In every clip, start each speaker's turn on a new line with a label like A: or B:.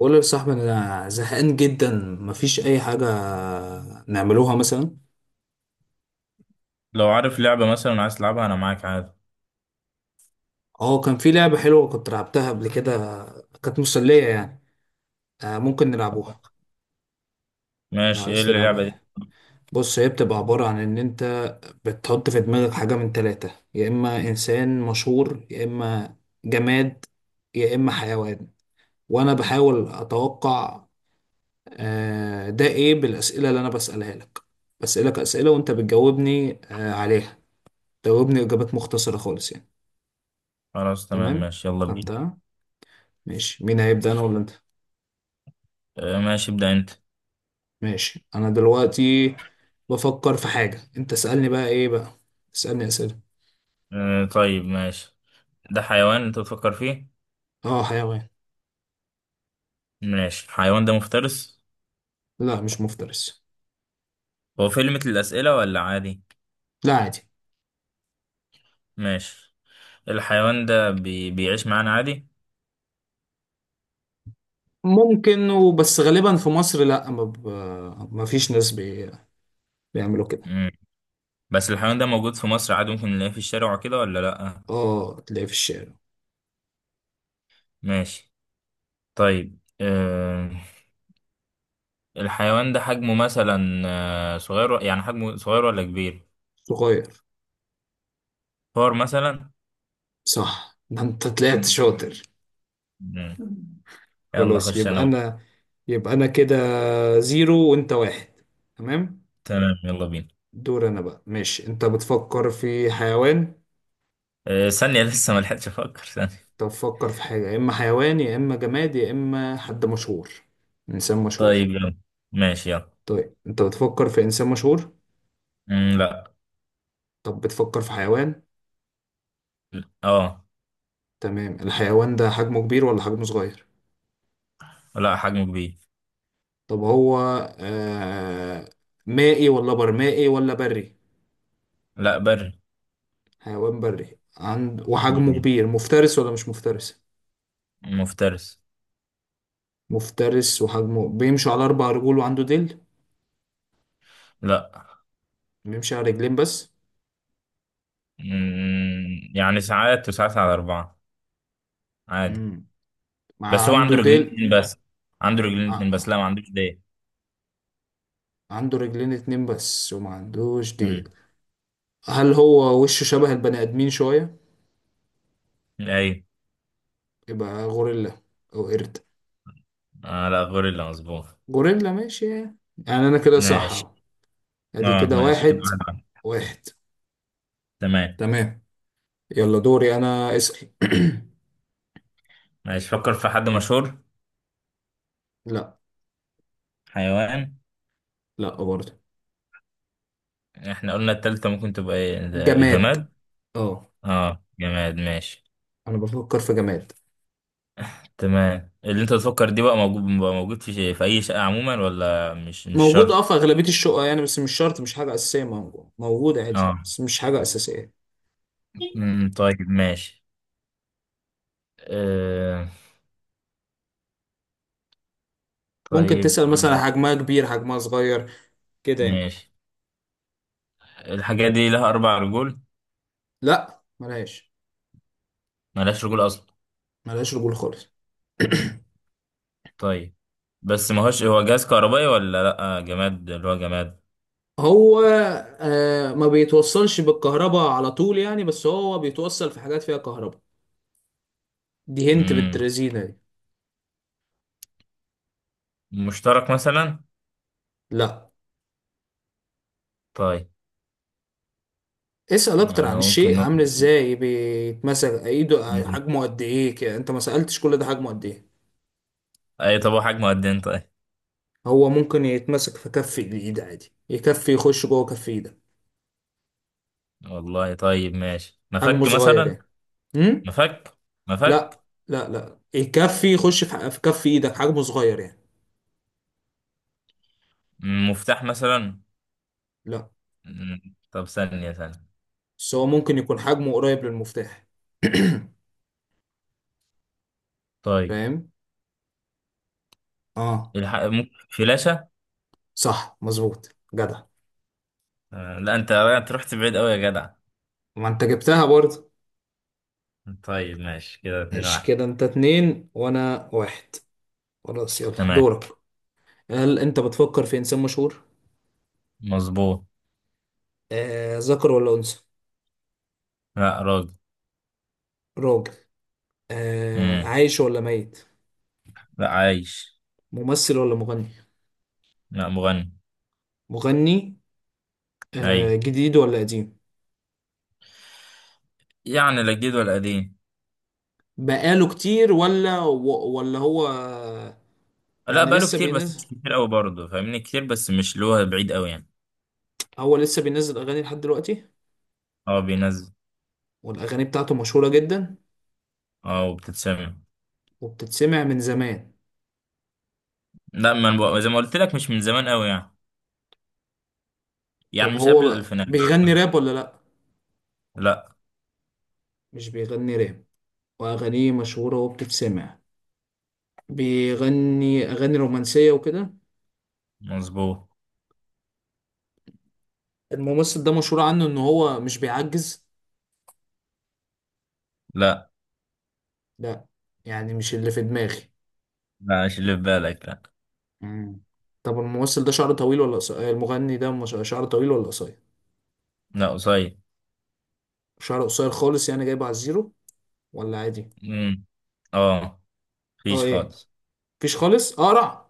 A: قول لي يا صاحبي انا زهقان جدا، مفيش اي حاجه نعملوها مثلا.
B: لو عارف لعبة مثلا عايز تلعبها أنا معاك عادي.
A: اه كان في لعبه حلوه كنت لعبتها قبل كده، كانت مسليه يعني. ممكن
B: طب
A: نلعبوها لو
B: ماشي، إيه
A: عايز تلعبها
B: اللعبة دي؟
A: يعني. بص هي بتبقى عباره عن ان انت بتحط في دماغك حاجه من ثلاثه، يا اما انسان مشهور، يا اما جماد، يا اما حيوان، وانا بحاول اتوقع. ده ايه؟ بالاسئله اللي انا بسالها لك، بسالك اسئله وانت بتجاوبني عليها، تجاوبني اجابات مختصره خالص يعني.
B: خلاص تمام
A: تمام،
B: ماشي يلا بينا.
A: فهمتها. ماشي، مين هيبدأ، انا ولا انت؟
B: آه، ماشي ابدأ أنت.
A: ماشي، انا دلوقتي بفكر في حاجة، انت اسألني بقى، ايه بقى، اسألني اسئلة.
B: آه، طيب ماشي. ده حيوان أنت بتفكر فيه؟
A: اه حيوان.
B: ماشي، الحيوان ده مفترس؟
A: لا مش مفترس.
B: هو في ليميت للأسئلة ولا عادي؟
A: لا عادي.
B: ماشي. الحيوان ده بيعيش معانا عادي؟
A: ممكن، وبس غالبا في مصر لا، ما فيش ناس بيعملوا كده.
B: مم. بس الحيوان ده موجود في مصر عادي، ممكن نلاقيه في الشارع وكده ولا لأ؟
A: اه تلاقيه في الشارع.
B: ماشي. طيب الحيوان ده حجمه مثلا صغير، يعني حجمه صغير ولا كبير؟
A: صغير.
B: فار مثلا؟
A: صح، ده انت طلعت شاطر.
B: يلا
A: خلاص
B: خش انا
A: يبقى
B: بقى.
A: انا يبقى انا كده زيرو وانت واحد. تمام.
B: تمام يلا بينا.
A: دور انا بقى. ماشي، انت بتفكر في حيوان؟
B: أه ثانية لسه ما لحقتش افكر ثانية.
A: طب فكر في حاجة، يا إما حيوان يا إما جماد يا إما حد مشهور، إنسان مشهور.
B: طيب يلا. ماشي يلا.
A: طيب أنت بتفكر في إنسان مشهور؟
B: مم، لا.
A: طب بتفكر في حيوان؟
B: اه.
A: تمام، الحيوان ده حجمه كبير ولا حجمه صغير؟
B: لا حجمه كبير.
A: طب هو آه مائي ولا برمائي ولا بري؟
B: لا بري.
A: حيوان بري عند وحجمه
B: مم.
A: كبير، مفترس ولا مش مفترس؟
B: مفترس.
A: مفترس وحجمه بيمشي على أربع رجول وعنده ديل؟
B: لا.
A: بيمشي على رجلين بس؟
B: مم. يعني ساعات وساعات على أربعة عادي.
A: امم مع
B: بس هو عنده
A: عنده
B: رجلين
A: ديل؟
B: اتنين بس. عنده رجلين اتنين
A: ع-
B: بس، لا ما عندوش ديل.
A: عنده رجلين اتنين بس وما عندوش ديل؟
B: مم.
A: هل هو وشه شبه البني آدمين شوية؟
B: ايوه.
A: يبقى غوريلا أو قرد.
B: آه لا، غوريلا مظبوط.
A: غوريلا، ماشي يعني. يعني أنا كده صح
B: ماشي.
A: أهو. أدي
B: اه
A: كده
B: ماشي كده
A: واحد
B: 1-1.
A: واحد.
B: تمام.
A: تمام. يلا دوري أنا اسأل.
B: ماشي، فكر في حد مشهور.
A: لا.
B: حيوان.
A: لا برضه.
B: احنا قلنا التالتة ممكن تبقى ايه، ده
A: جماد،
B: جماد.
A: اه.
B: اه جماد ماشي.
A: أنا بفكر في جماد.
B: تمام، اللي انت تفكر دي بقى موجود في اي شقة عموما، ولا مش
A: موجود اه
B: شرط؟
A: في أغلبية الشقق يعني، بس مش شرط، مش حاجة أساسية. موجود موجود عادي
B: اه.
A: بس مش حاجة أساسية.
B: طيب ماشي. آه
A: ممكن
B: طيب،
A: تسأل
B: آه
A: مثلا
B: لا.
A: حجمها كبير حجمها صغير كده يعني.
B: ماشي. الحاجة دي لها اربع رجول؟
A: لا ملهاش.
B: ملهاش رجول اصلا؟
A: ملهاش رجول خالص.
B: طيب. بس ما هوش، هو جهاز كهربائي ولا لا، جماد اللي هو جماد؟
A: هو ما بيتوصلش بالكهرباء على طول يعني، بس هو بيتوصل في حاجات فيها كهرباء. دي هنت
B: امم
A: بالترزينة دي.
B: مشترك مثلا؟
A: لا.
B: طيب.
A: اسأل اكتر
B: يعني
A: عن
B: ممكن
A: الشيء عامل
B: نقول.
A: ازاي، بيتمسك ايده،
B: مم.
A: حجمه قد ايه كده. انت ما سألتش كل ده، حجمه قد ايه.
B: اي، طب هو حجمه قد ايه طيب؟
A: هو ممكن يتمسك في كف الايد عادي، يكفي يخش جوه كف ايدك،
B: والله طيب ماشي، مفك
A: حجمه صغير
B: مثلا؟
A: يعني. امم
B: مفك. مفك.
A: لا. لا يكفي يخش في في كف ايدك، حجمه صغير يعني.
B: مفتاح مثلا؟
A: لا.
B: طب ثانية ثانية.
A: بس هو ممكن يكون حجمه قريب للمفتاح.
B: طيب
A: فاهم؟ اه.
B: ممكن فلاشة؟
A: صح، مظبوط جدع.
B: آه، لا انت رحت بعيد قوي يا جدع.
A: ما انت جبتها برضه.
B: طيب ماشي كده اتنين
A: ماشي
B: واحد
A: كده، انت اتنين وانا واحد. خلاص يلا
B: تمام.
A: دورك. هل انت بتفكر في انسان مشهور؟
B: مظبوط.
A: ذكر ولا انثى؟
B: لا راجل.
A: راجل.
B: مم.
A: عايش ولا ميت؟
B: لا عايش.
A: ممثل ولا مغني؟
B: لا مغني.
A: مغني.
B: اي.
A: جديد ولا قديم؟
B: يعني لا جديد ولا قديم.
A: بقاله كتير ولا هو
B: لا
A: يعني
B: بقاله
A: لسه
B: كتير بس
A: بينزل؟
B: مش كتير قوي برضه، فاهمني كتير بس مش اللي هو بعيد قوي يعني.
A: هو لسه بينزل اغاني لحد دلوقتي؟
B: اه بينزل.
A: والاغاني بتاعته مشهورة جدا
B: اه وبتتسمع.
A: وبتتسمع من زمان؟
B: لا، ما أنا زي ما قلت لك، مش من زمان قوي يعني. يعني
A: طب
B: مش قبل
A: هو
B: الألفينات.
A: بيغني راب ولا لا؟
B: لا.
A: مش بيغني راب وأغانيه مشهورة وبتتسمع، بيغني أغاني رومانسية وكده.
B: مظبوط.
A: الممثل ده مشهور عنه إن هو مش بيعجز؟
B: لا.
A: لا، يعني مش اللي في دماغي.
B: لا مش اللي في بالك، لا.
A: مم. طب الممثل ده شعره طويل ولا قصير؟ المغني ده مش شعره طويل ولا قصير؟
B: لا قصير.
A: شعره قصير خالص يعني جايبه على الزيرو، ولا عادي؟
B: امم اه.
A: اه
B: مفيش
A: ايه؟
B: خالص.
A: مفيش خالص، اقرع؟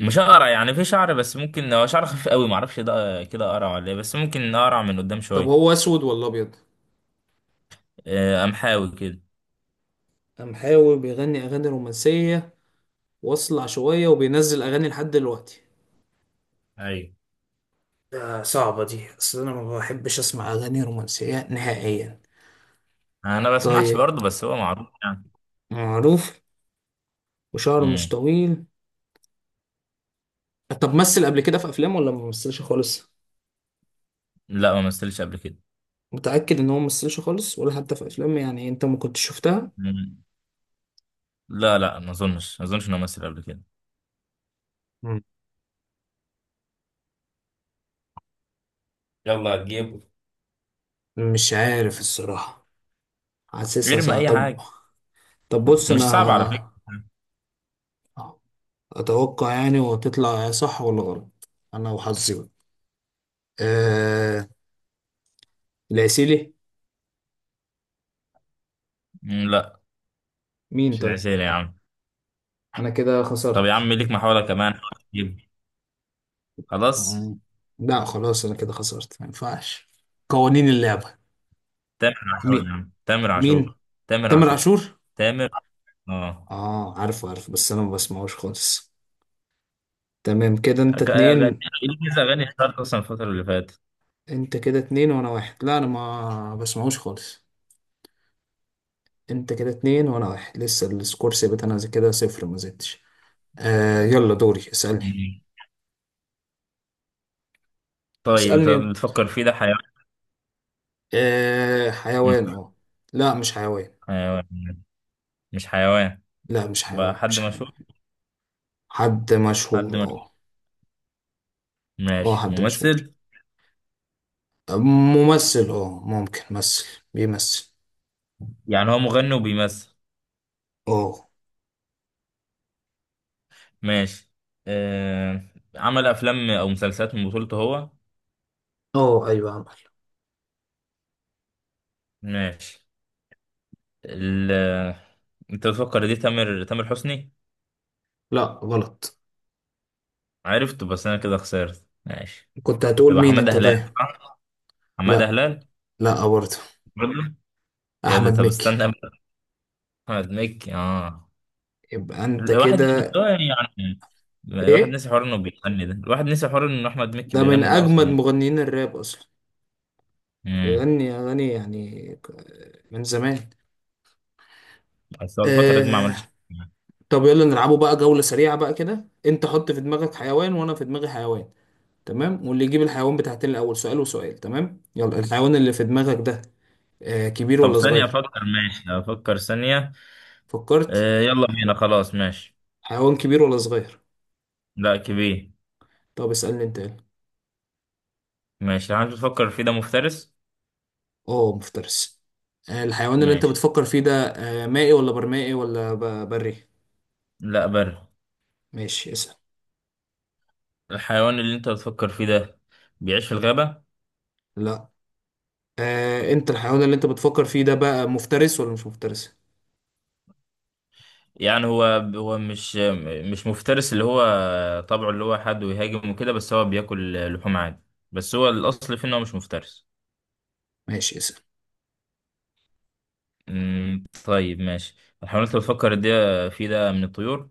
B: مش اقرع، يعني في شعر بس ممكن هو شعر خفيف قوي، معرفش ده كده اقرع ولا ايه، بس ممكن اقرع من قدام
A: طب
B: شويه.
A: هو اسود ولا ابيض؟
B: آه، قمحاوي كده.
A: قام حاول، بيغني اغاني رومانسيه واصلع شويه وبينزل اغاني لحد دلوقتي.
B: ايوه.
A: ده صعبة دي، أصل أنا ما بحبش أسمع أغاني رومانسية نهائيا.
B: انا بسمعش
A: طيب،
B: برضه بس هو معروف يعني.
A: معروف وشعره مش
B: امم
A: طويل. طب مثل قبل كده في أفلام ولا ما مثلش خالص؟
B: لا ما مثلش قبل كده.
A: متأكد إن هو ما مثلش خالص، ولا حتى في أفلام يعني أنت ما كنتش شفتها؟
B: مم. لا لا، ما اظنش ما اظنش انه مثل قبل كده.
A: مم.
B: يلا جيبه.
A: مش عارف الصراحة، حاسسها
B: ارمي
A: صعب.
B: اي
A: طب
B: حاجه.
A: طب بص
B: مش صعب على فكره.
A: أنا أتوقع يعني، وتطلع صح ولا غلط أنا وحظي بقى. أه... العسيلي.
B: مم، لا.
A: مين
B: مش
A: طيب؟
B: العسير يا عم.
A: أنا كده
B: طب يا
A: خسرت.
B: عم ليك محاولة كمان، حاول تجيب. خلاص.
A: مم. لا خلاص انا كده خسرت، ما ينفعش، قوانين اللعبة.
B: تامر عاشور
A: مين؟
B: يا عم، تامر عاشور.
A: مين؟
B: تامر
A: تامر
B: عاشور.
A: عاشور.
B: تامر. اه.
A: اه عارفه عارفه، بس انا ما بسمعوش خالص. تمام كده انت
B: أغاني
A: اتنين.
B: إليسا، أغاني اشتهرت أصلا الفترة اللي فاتت.
A: انت كده اتنين وانا واحد، لا انا ما بسمعوش خالص. انت كده اتنين وانا واحد، لسه السكور ثابت، انا زي كده صفر، ما زدتش. يلا دوري اسألني.
B: مم. طيب أنت
A: اسألني يلا.
B: بتفكر فيه ده حيوان؟ مش
A: حيوان؟ اه لا مش حيوان.
B: حيوان. مش حيوان.
A: لا مش
B: بقى
A: حيوان
B: حد
A: مش حيوان.
B: مشهور؟
A: حد مشهور،
B: حد مشهور.
A: اه. اه
B: ماشي
A: حد مشهور.
B: ممثل.
A: ممثل، اه ممكن ممثل، بيمثل.
B: يعني هو مغني وبيمثل.
A: اه.
B: ماشي. آه... عمل أفلام أو مسلسلات من بطولته هو.
A: اه ايوه عمل.
B: ماشي. ال... أنت بتفكر دي، تامر حسني.
A: لا غلط.
B: عرفت بس انا كده خسرت ماشي.
A: كنت هتقول
B: يبقى
A: مين
B: حماده
A: انت
B: هلال،
A: طيب؟
B: صح؟ حماده
A: لا.
B: هلال.
A: لا برضه.
B: برضه؟ ايه ده،
A: احمد
B: طب
A: مكي.
B: استنى بقى. احمد مكي اه.
A: يبقى انت
B: الواحد
A: كده.
B: بس هو يعني، الواحد
A: ايه
B: نسي حوار انه بيغني ده، الواحد نسي حوار انه احمد مكي
A: ده، من
B: بيغني ده
A: اجمد
B: اصلا.
A: مغنيين الراب اصلا،
B: امم
A: بيغني اغاني يعني من زمان.
B: بس هو الفتره دي ما عملش
A: آه...
B: حاجة.
A: طب يلا نلعبوا بقى جولة سريعة، بقى كده انت حط في دماغك حيوان وانا في دماغي حيوان. تمام، واللي يجيب الحيوان بتاعتين الاول، سؤال وسؤال، تمام. يلا، الحيوان اللي في دماغك ده كبير
B: طب
A: ولا
B: ثانيه
A: صغير؟
B: افكر، ماشي افكر ثانيه.
A: فكرت؟
B: آه يلا بينا خلاص ماشي.
A: حيوان كبير ولا صغير؟
B: لا كبير.
A: طب اسألني انت يلا.
B: ماشي، الحيوان اللي بتفكر فيه ده مفترس؟
A: اه مفترس. الحيوان اللي انت
B: ماشي.
A: بتفكر فيه ده مائي ولا برمائي ولا بري؟
B: لا بر.
A: ماشي اسأل.
B: الحيوان اللي انت بتفكر فيه ده بيعيش في الغابه؟
A: لا. انت الحيوان اللي انت بتفكر فيه ده بقى مفترس ولا مش مفترس؟
B: يعني هو مش مفترس اللي هو، طبعه اللي هو حد ويهاجم وكده بس هو بياكل لحوم عادي، بس هو الأصل فيه إن هو مش مفترس.
A: ماشي اسأل.
B: طيب ماشي. الحيوانات اللي بتفكر دي فيه ده من الطيور؟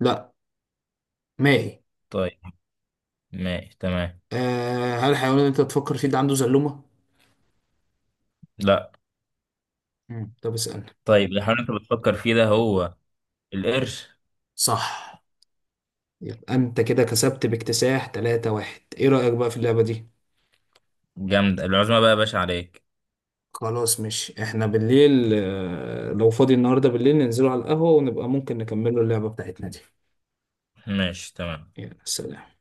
A: لا مائي.
B: طيب. ماشي تمام.
A: هل الحيوان اللي انت بتفكر فيه ده عنده زلومة؟
B: لا.
A: مم. طب اسألني.
B: طيب الحيوانات اللي بتفكر فيه ده، هو القرش.
A: صح. يبقى انت كده كسبت باكتساح 3 واحد. ايه رأيك بقى في اللعبة دي؟
B: جامد العزمة بقى يا باشا عليك.
A: خلاص، مش احنا بالليل، لو فاضي النهارده بالليل ننزلوا على القهوة ونبقى ممكن نكملوا اللعبة بتاعتنا دي.
B: ماشي تمام.
A: يلا سلام.